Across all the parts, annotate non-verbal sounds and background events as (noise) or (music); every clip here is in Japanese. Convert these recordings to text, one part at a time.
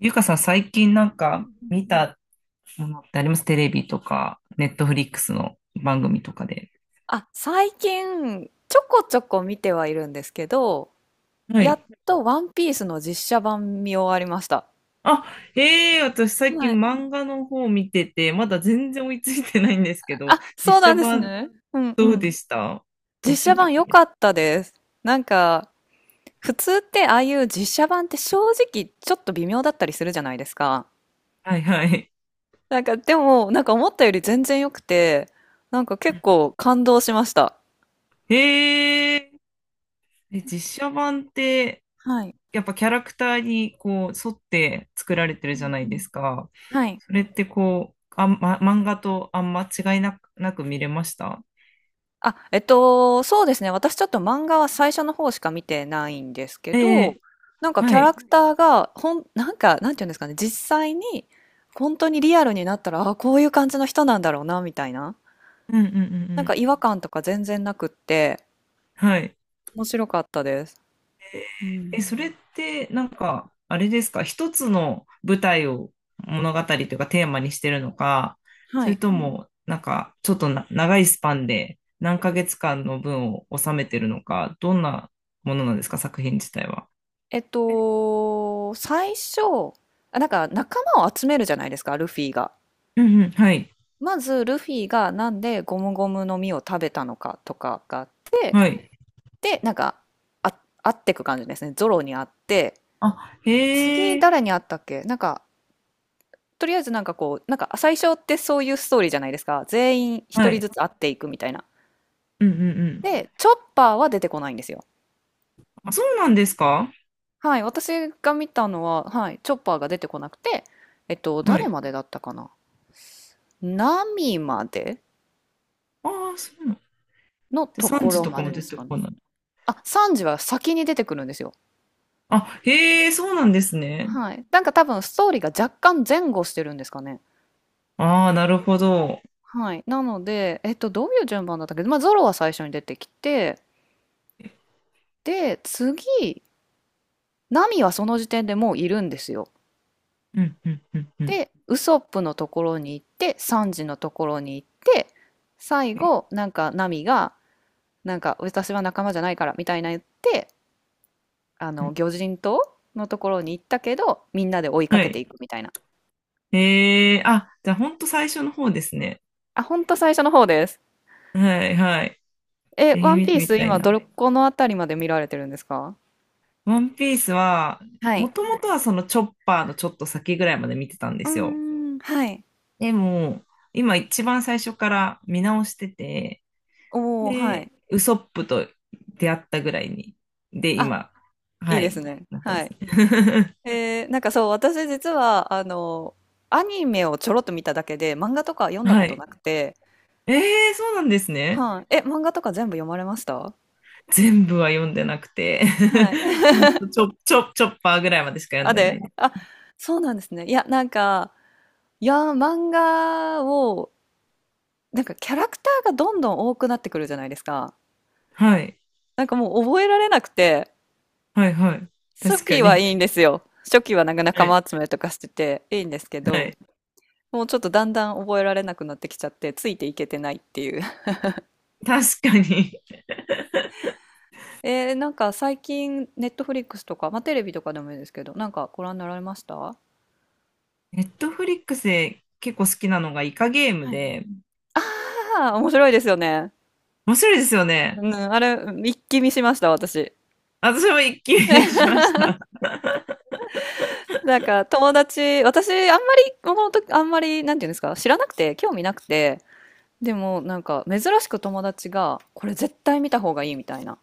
ゆかさん、最近なんうんかうん。見たものってあります。テレビとか、ネットフリックスの番組とかで。あ、最近、ちょこちょこ見てはいるんですけど、はやっい。とワンピースの実写版見終わりました。あ、ええ、私最近はい。漫画の方見てて、まだ全然追いついてないんですけど、あ、実そう写なんです版ね。うんうどうでん。した？面実写白かっ版た良でかす。ったです。なんか、普通ってああいう実写版って正直ちょっと微妙だったりするじゃないですか。はいはい。なんか、でも、なんか思ったより全然良くて、なんか結構感動しました。ええ、で実写版って、はい。やっぱキャラクターにこう沿って作られてるうじゃんなういでん。すか。はい。それってこう、漫画とあんま違いなく、なく見れました？あ、そうですね。私ちょっと漫画は最初の方しか見てないんですけえど、え、なんかキはャラい。クターが、なんか、なんていうんですかね、実際に、本当にリアルになったら、あ、こういう感じの人なんだろうな、みたいな。うんうんうんなうんかん。違和感とか全然なくって、はい。面白かったです。うん。え、それって、なんか、あれですか、一つの舞台を物語というかテーマにしてるのか、そはれい。とも、なんか、ちょっと長いスパンで何ヶ月間の分を収めてるのか、どんなものなんですか、作品自体は。最初、なんか仲間を集めるじゃないですか、ルフィが。うんうん、はい。まず、ルフィがなんでゴムゴムの実を食べたのかとかがあって、はい。でなんかあ会ってく感じですね。ゾロに会って、あ、へ次え、誰に会ったっけ。なんかとりあえずなんかこうなんか最初ってそういうストーリーじゃないですか。全員一は人い。ずつ会っていくみたいな。うんうんうん。でチョッパーは出てこないんですよ。あ、そうなんですか？はい、私が見たのは、はい、チョッパーが出てこなくて、は誰い。までだったかな。ナミまでああ、そうなん。ので、と産こ地ろとかまもでで出すてかこね。ない？あ、サンジは先に出てくるんですよ。あ、へえ、そうなんですね。はい、なんか多分ストーリーが若干前後してるんですかね。ああ、なるほど。はい。なので、どういう順番だったっけ。まあ、ゾロは最初に出てきて、で、次、ナミはその時点でもういるんですよ。うん、うん、うん、うん。で、ウソップのところに行って、サンジのところに行って、最え後、なんか、ナミが、なんか、私は仲間じゃないから、みたいな言って、うん。魚人島のところに行ったけど、みんなで追いかはけてい。いくみたいな。ええ、あ、じゃあ、ほんと最初の方ですね。あ、ほんと最初の方です。はい、はい。え、ワン見ピてーみス、たい今、な。どこのあたりまで見られてるんですか？ワンピースは、はもい。ともとはそのチョッパーのちょっと先ぐらいまで見てたんでうーすよ。ん、はい。でも、今一番最初から見直してて、おー、はで、い。ウソップと出会ったぐらいに、で、あ、今、いはいですい、ね。なってまはすい。ね。(laughs) なんかそう、私実は、アニメをちょろっと見ただけで、漫画とか読んだはことい。なくて、ええ、そうなんですね。はい。え、漫画とか全部読まれました？全部は読んでなくて。 はい。(laughs) ほんと、ちょ、ちょ、チョッパーぐらいまでしか (laughs) 読んあ、でないで、です。あ、そうなんですね。いや、なんか、いや、漫画を、なんかキャラクターがどんどん多くなってくるじゃないですか。はい。なんかもう覚えられなくて、はいはい。初確か期はいに。いんですよ。初期はなんかは仲い。間集めとかしてていいんですけはど、い。もうちょっとだんだん覚えられなくなってきちゃって、ついていけてないっていう。確かに。なんか最近、ネットフリックスとか、まあ、テレビとかでもいいですけど、なんかご覧になられましたあ？ネットフリックスで結構好きなのがイカゲームはい。で、あー、面白いですよね。面白いですよね。うん、あれ、一気見しました、私。私も一気にしました。(laughs) なんか友達、私、あんまり、この時、あんまり、なんていうんですか、知らなくて、興味なくて、でも、なんか、珍しく友達が、これ絶対見た方がいいみたいな、っ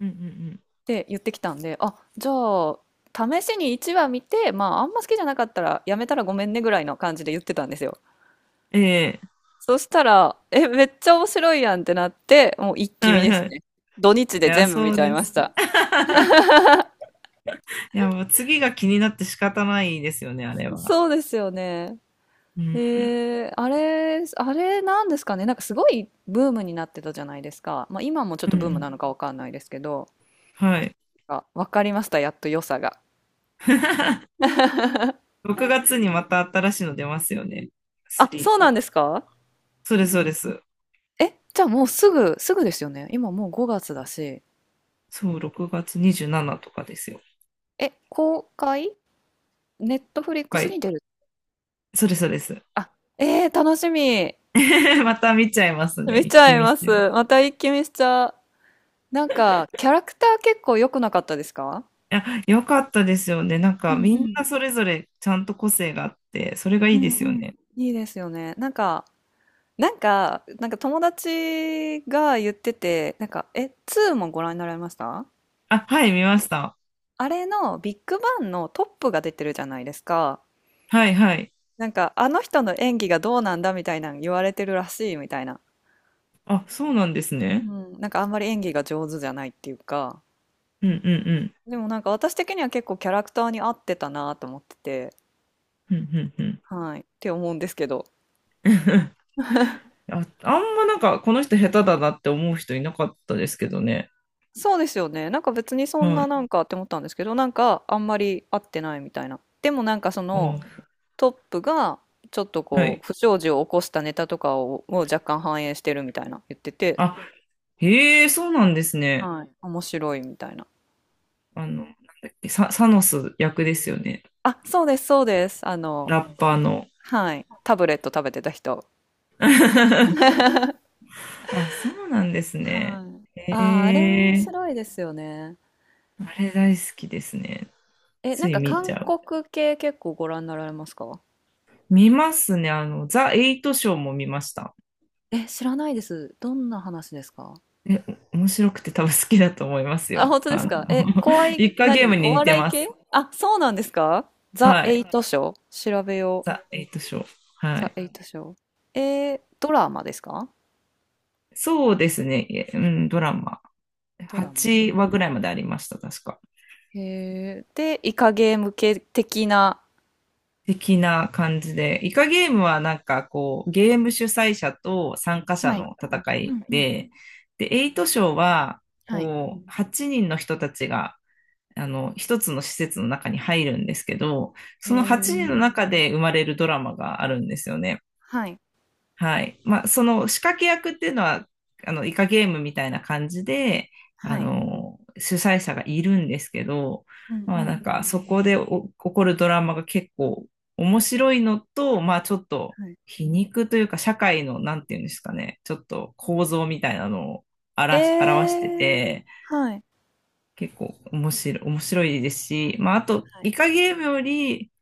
うんうんて言ってきたんで、あ、じゃあ、試しに1話見て、まあ、あんま好きじゃなかったら、やめたらごめんねぐらいの感じで言ってたんですよ。うん。ええ、そしたら、え、めっちゃ面白いやんってなって、もう一気は見いですはい。ね。土日いでや、全部そ見うちゃいでます。した。いや、もう次が気になって仕方ないですよね、あれは。そうですよね。うん。あれなんですかね。なんかすごいブームになってたじゃないですか。まあ今もちょっうとんうブームん、なのかわかんないですけど、はい。あ、わかりました。やっと良さが。(laughs) (laughs) 6月にまた新しいの出ますよね。あ、3そうかなんら。ですか？そうです、そうです。え、じゃあもうすぐ、すぐですよね。今もう5月だし。そう、6月27とかですよ。え、公開？ネットフリックはスい。に出る？そうです、そうです。あ、楽しみ。(laughs) また見ちゃいますね。見ち一ゃ気い見しまちゃいます。ます。た一気見しちゃう。なんか、キャラクター結構良くなかったですか？いや、よかったですよね。なんうか、んみうんなん。それぞれちゃんと個性があって、それがいういでんすようん。ね。いいですよね。なんか、友達が言ってて、なんか、2もご覧になられました？あ、はい、見ました。あれのビッグバンのトップが出てるじゃないですか。はい、はい。なんか、あの人の演技がどうなんだみたいなの言われてるらしいみたいな。あ、そうなんですうね。ん、なんかあんまり演技が上手じゃないっていうか。うん、うん、うん。でもなんか私的には結構キャラクターに合ってたなと思ってて。うん、うん、はい。って思うんですけど。うん。あ、あんまなんか、この人下手だなって思う人いなかったですけどね。そうですよね。なんか別にそんはない。なんかって思ったんですけど、なんかあんまり合ってないみたいな。でもなんかそのあ、トップがちょっとはこい。う不祥事を起こしたネタとかを若干反映してるみたいな言ってて、あ、へえ、そうなんですね。はい。面白いみたいな。あの、なんだっけ、サノス役ですよね。あ、そうです、そうです。ラッパーの。はい。タブレット食べてた人。(laughs) あ、そうなんですね。はい。へああ、あれ面え、白いですよね。あれ大好きですね。え、なつんいか見ち韓ゃう。国系結構ご覧になられますか？見ますね。あの、ザ・エイトショーも見ました。え、知らないです。どんな話ですか？え、お面白くて多分好きだと思いますあ、よ。本当であすの、か？え、怖 (laughs) い、一家ゲーム何？にお似て笑いま系？す。あ、そうなんですか？ザ・はエイい。トショー調べよう。ザ・エイトショー。はザ・い。エイトショー。ドラマですか？そうですね、いえ、うん、ドラマ。ドラマ。8話ぐらいまでありました、確か。へえ。で、イカゲーム系的な。的な感じで。イカゲームはなんかこう、ゲーム主催者と参加者はい。の戦ういんうん。で、で、エイトショーは、はい。こう、8人の人たちが、あの、一つの施設の中に入るんですけど、へその8人のえ。中で生まれるドラマがあるんですよね。はい。はい。まあ、その仕掛け役っていうのは、あの、イカゲームみたいな感じで、あはい。の、主催者がいるんですけど、うんうまあ、なんんうか、ん。そこでお起こるドラマが結構面白いのと、まあ、ちょっとはい。皮肉というか、社会の、なんていうんですかね、ちょっと構造みたいなのをえ表し、表してー、て、はい。結構面白いですし、まあ、あと、はイい。カゲームより、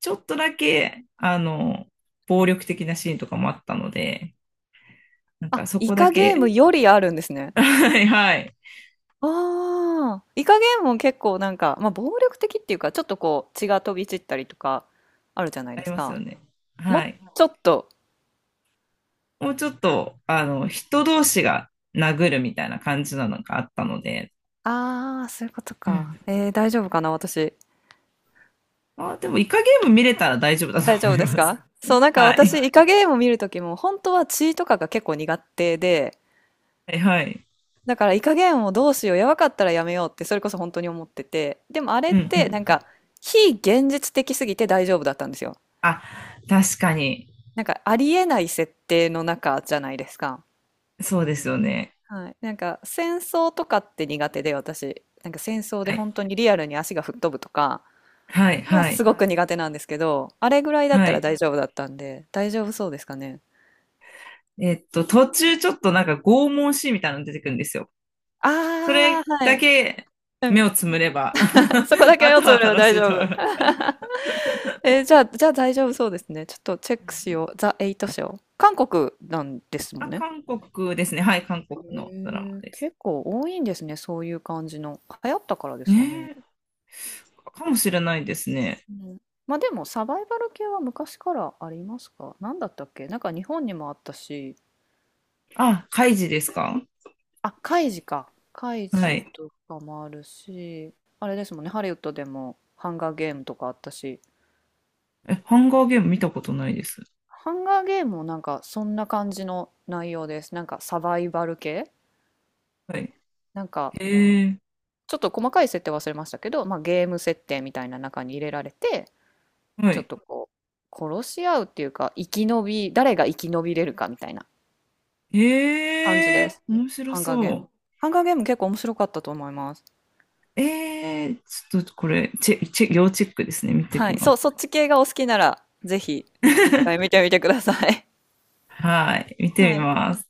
ちょっとだけ、あの、う暴ん。力的なシーンとかもあったので、なんあ、かそイこだカゲーけ。ムよりあるんです (laughs) ね。はいはい、ああ、イカゲームも結構なんか、まあ、暴力的っていうか、ちょっとこう血が飛び散ったりとかあるじゃないあでりすますよか。ね。もうはい。ちょっと、もうちょっと、あの、人同士が殴るみたいな感じなのがあったので。ああ、そういうことうか。ん。大丈夫かな、私。あ、でもイカゲーム見れたら大丈夫だと大丈思夫いですます。か？そう、な (laughs) んかは私、い。イカゲームを見るときも、本当は血とかが結構苦手で、はいはい。だからイカゲームをどうしよう、やばかったらやめようって、それこそ本当に思ってて、でもあれうっんうて、なんん。か、非現実的すぎて大丈夫だったんですよ。あ、確かに。なんか、ありえない設定の中じゃないですか。そうですよね。はい、なんか戦争とかって苦手で、私なんか戦争ではい。本当にリアルに足が吹っ飛ぶとかはいははい。すごく苦手なんですけど、あれぐらいだっはたらい。大丈夫だったんで大丈夫そうですかね？途中ちょっとなんか拷問シーンみたいなの出てくるんですよ。そああれー、はだい。 け目をつむれば、 (laughs) そこだ (laughs) けあ目とをつはぶれば楽大しいと丈思い夫？ます。じゃあ、大丈夫そうですね。ちょっとチェッうクん。しよう。ザ・エイト w 韓国なんですもあ、んね。韓国ですね。はい、韓国へのドラマえ、です。結構多いんですね。そういう感じの流行ったからですねかね。え、かもしれないですね。うん、ま、でもサバイバル系は昔からありますか？何だったっけ？なんか日本にもあったし、あ、カイジですか？あ、カイジか。カイはジい。とかもあるし、あれですもんね、ハリウッドでもハンガーゲームとかあったし、え、ハンガーゲーム見たことないです。ハンガーゲームもなんかそんな感じの内容です。なんかサバイバル系？はい。なんかへえ、ちょっと細かい設定忘れましたけど、まあ、ゲーム設定みたいな中に入れられて、はちょっい。とこう殺し合うっていうか、生き延び誰が生き延びれるかみたいな。感じへでえ、す。面白ハンガーゲそーム。う。ハンガーゲーム結構面白かったと思います。ええ、ちょっとこれ、チェ、チェ、要チェックですね。見てはきい。まそう、す。そっち系がお好きなら、ぜひ、一回見 (laughs) てみてください。はい、見 (laughs) てはみい。ます。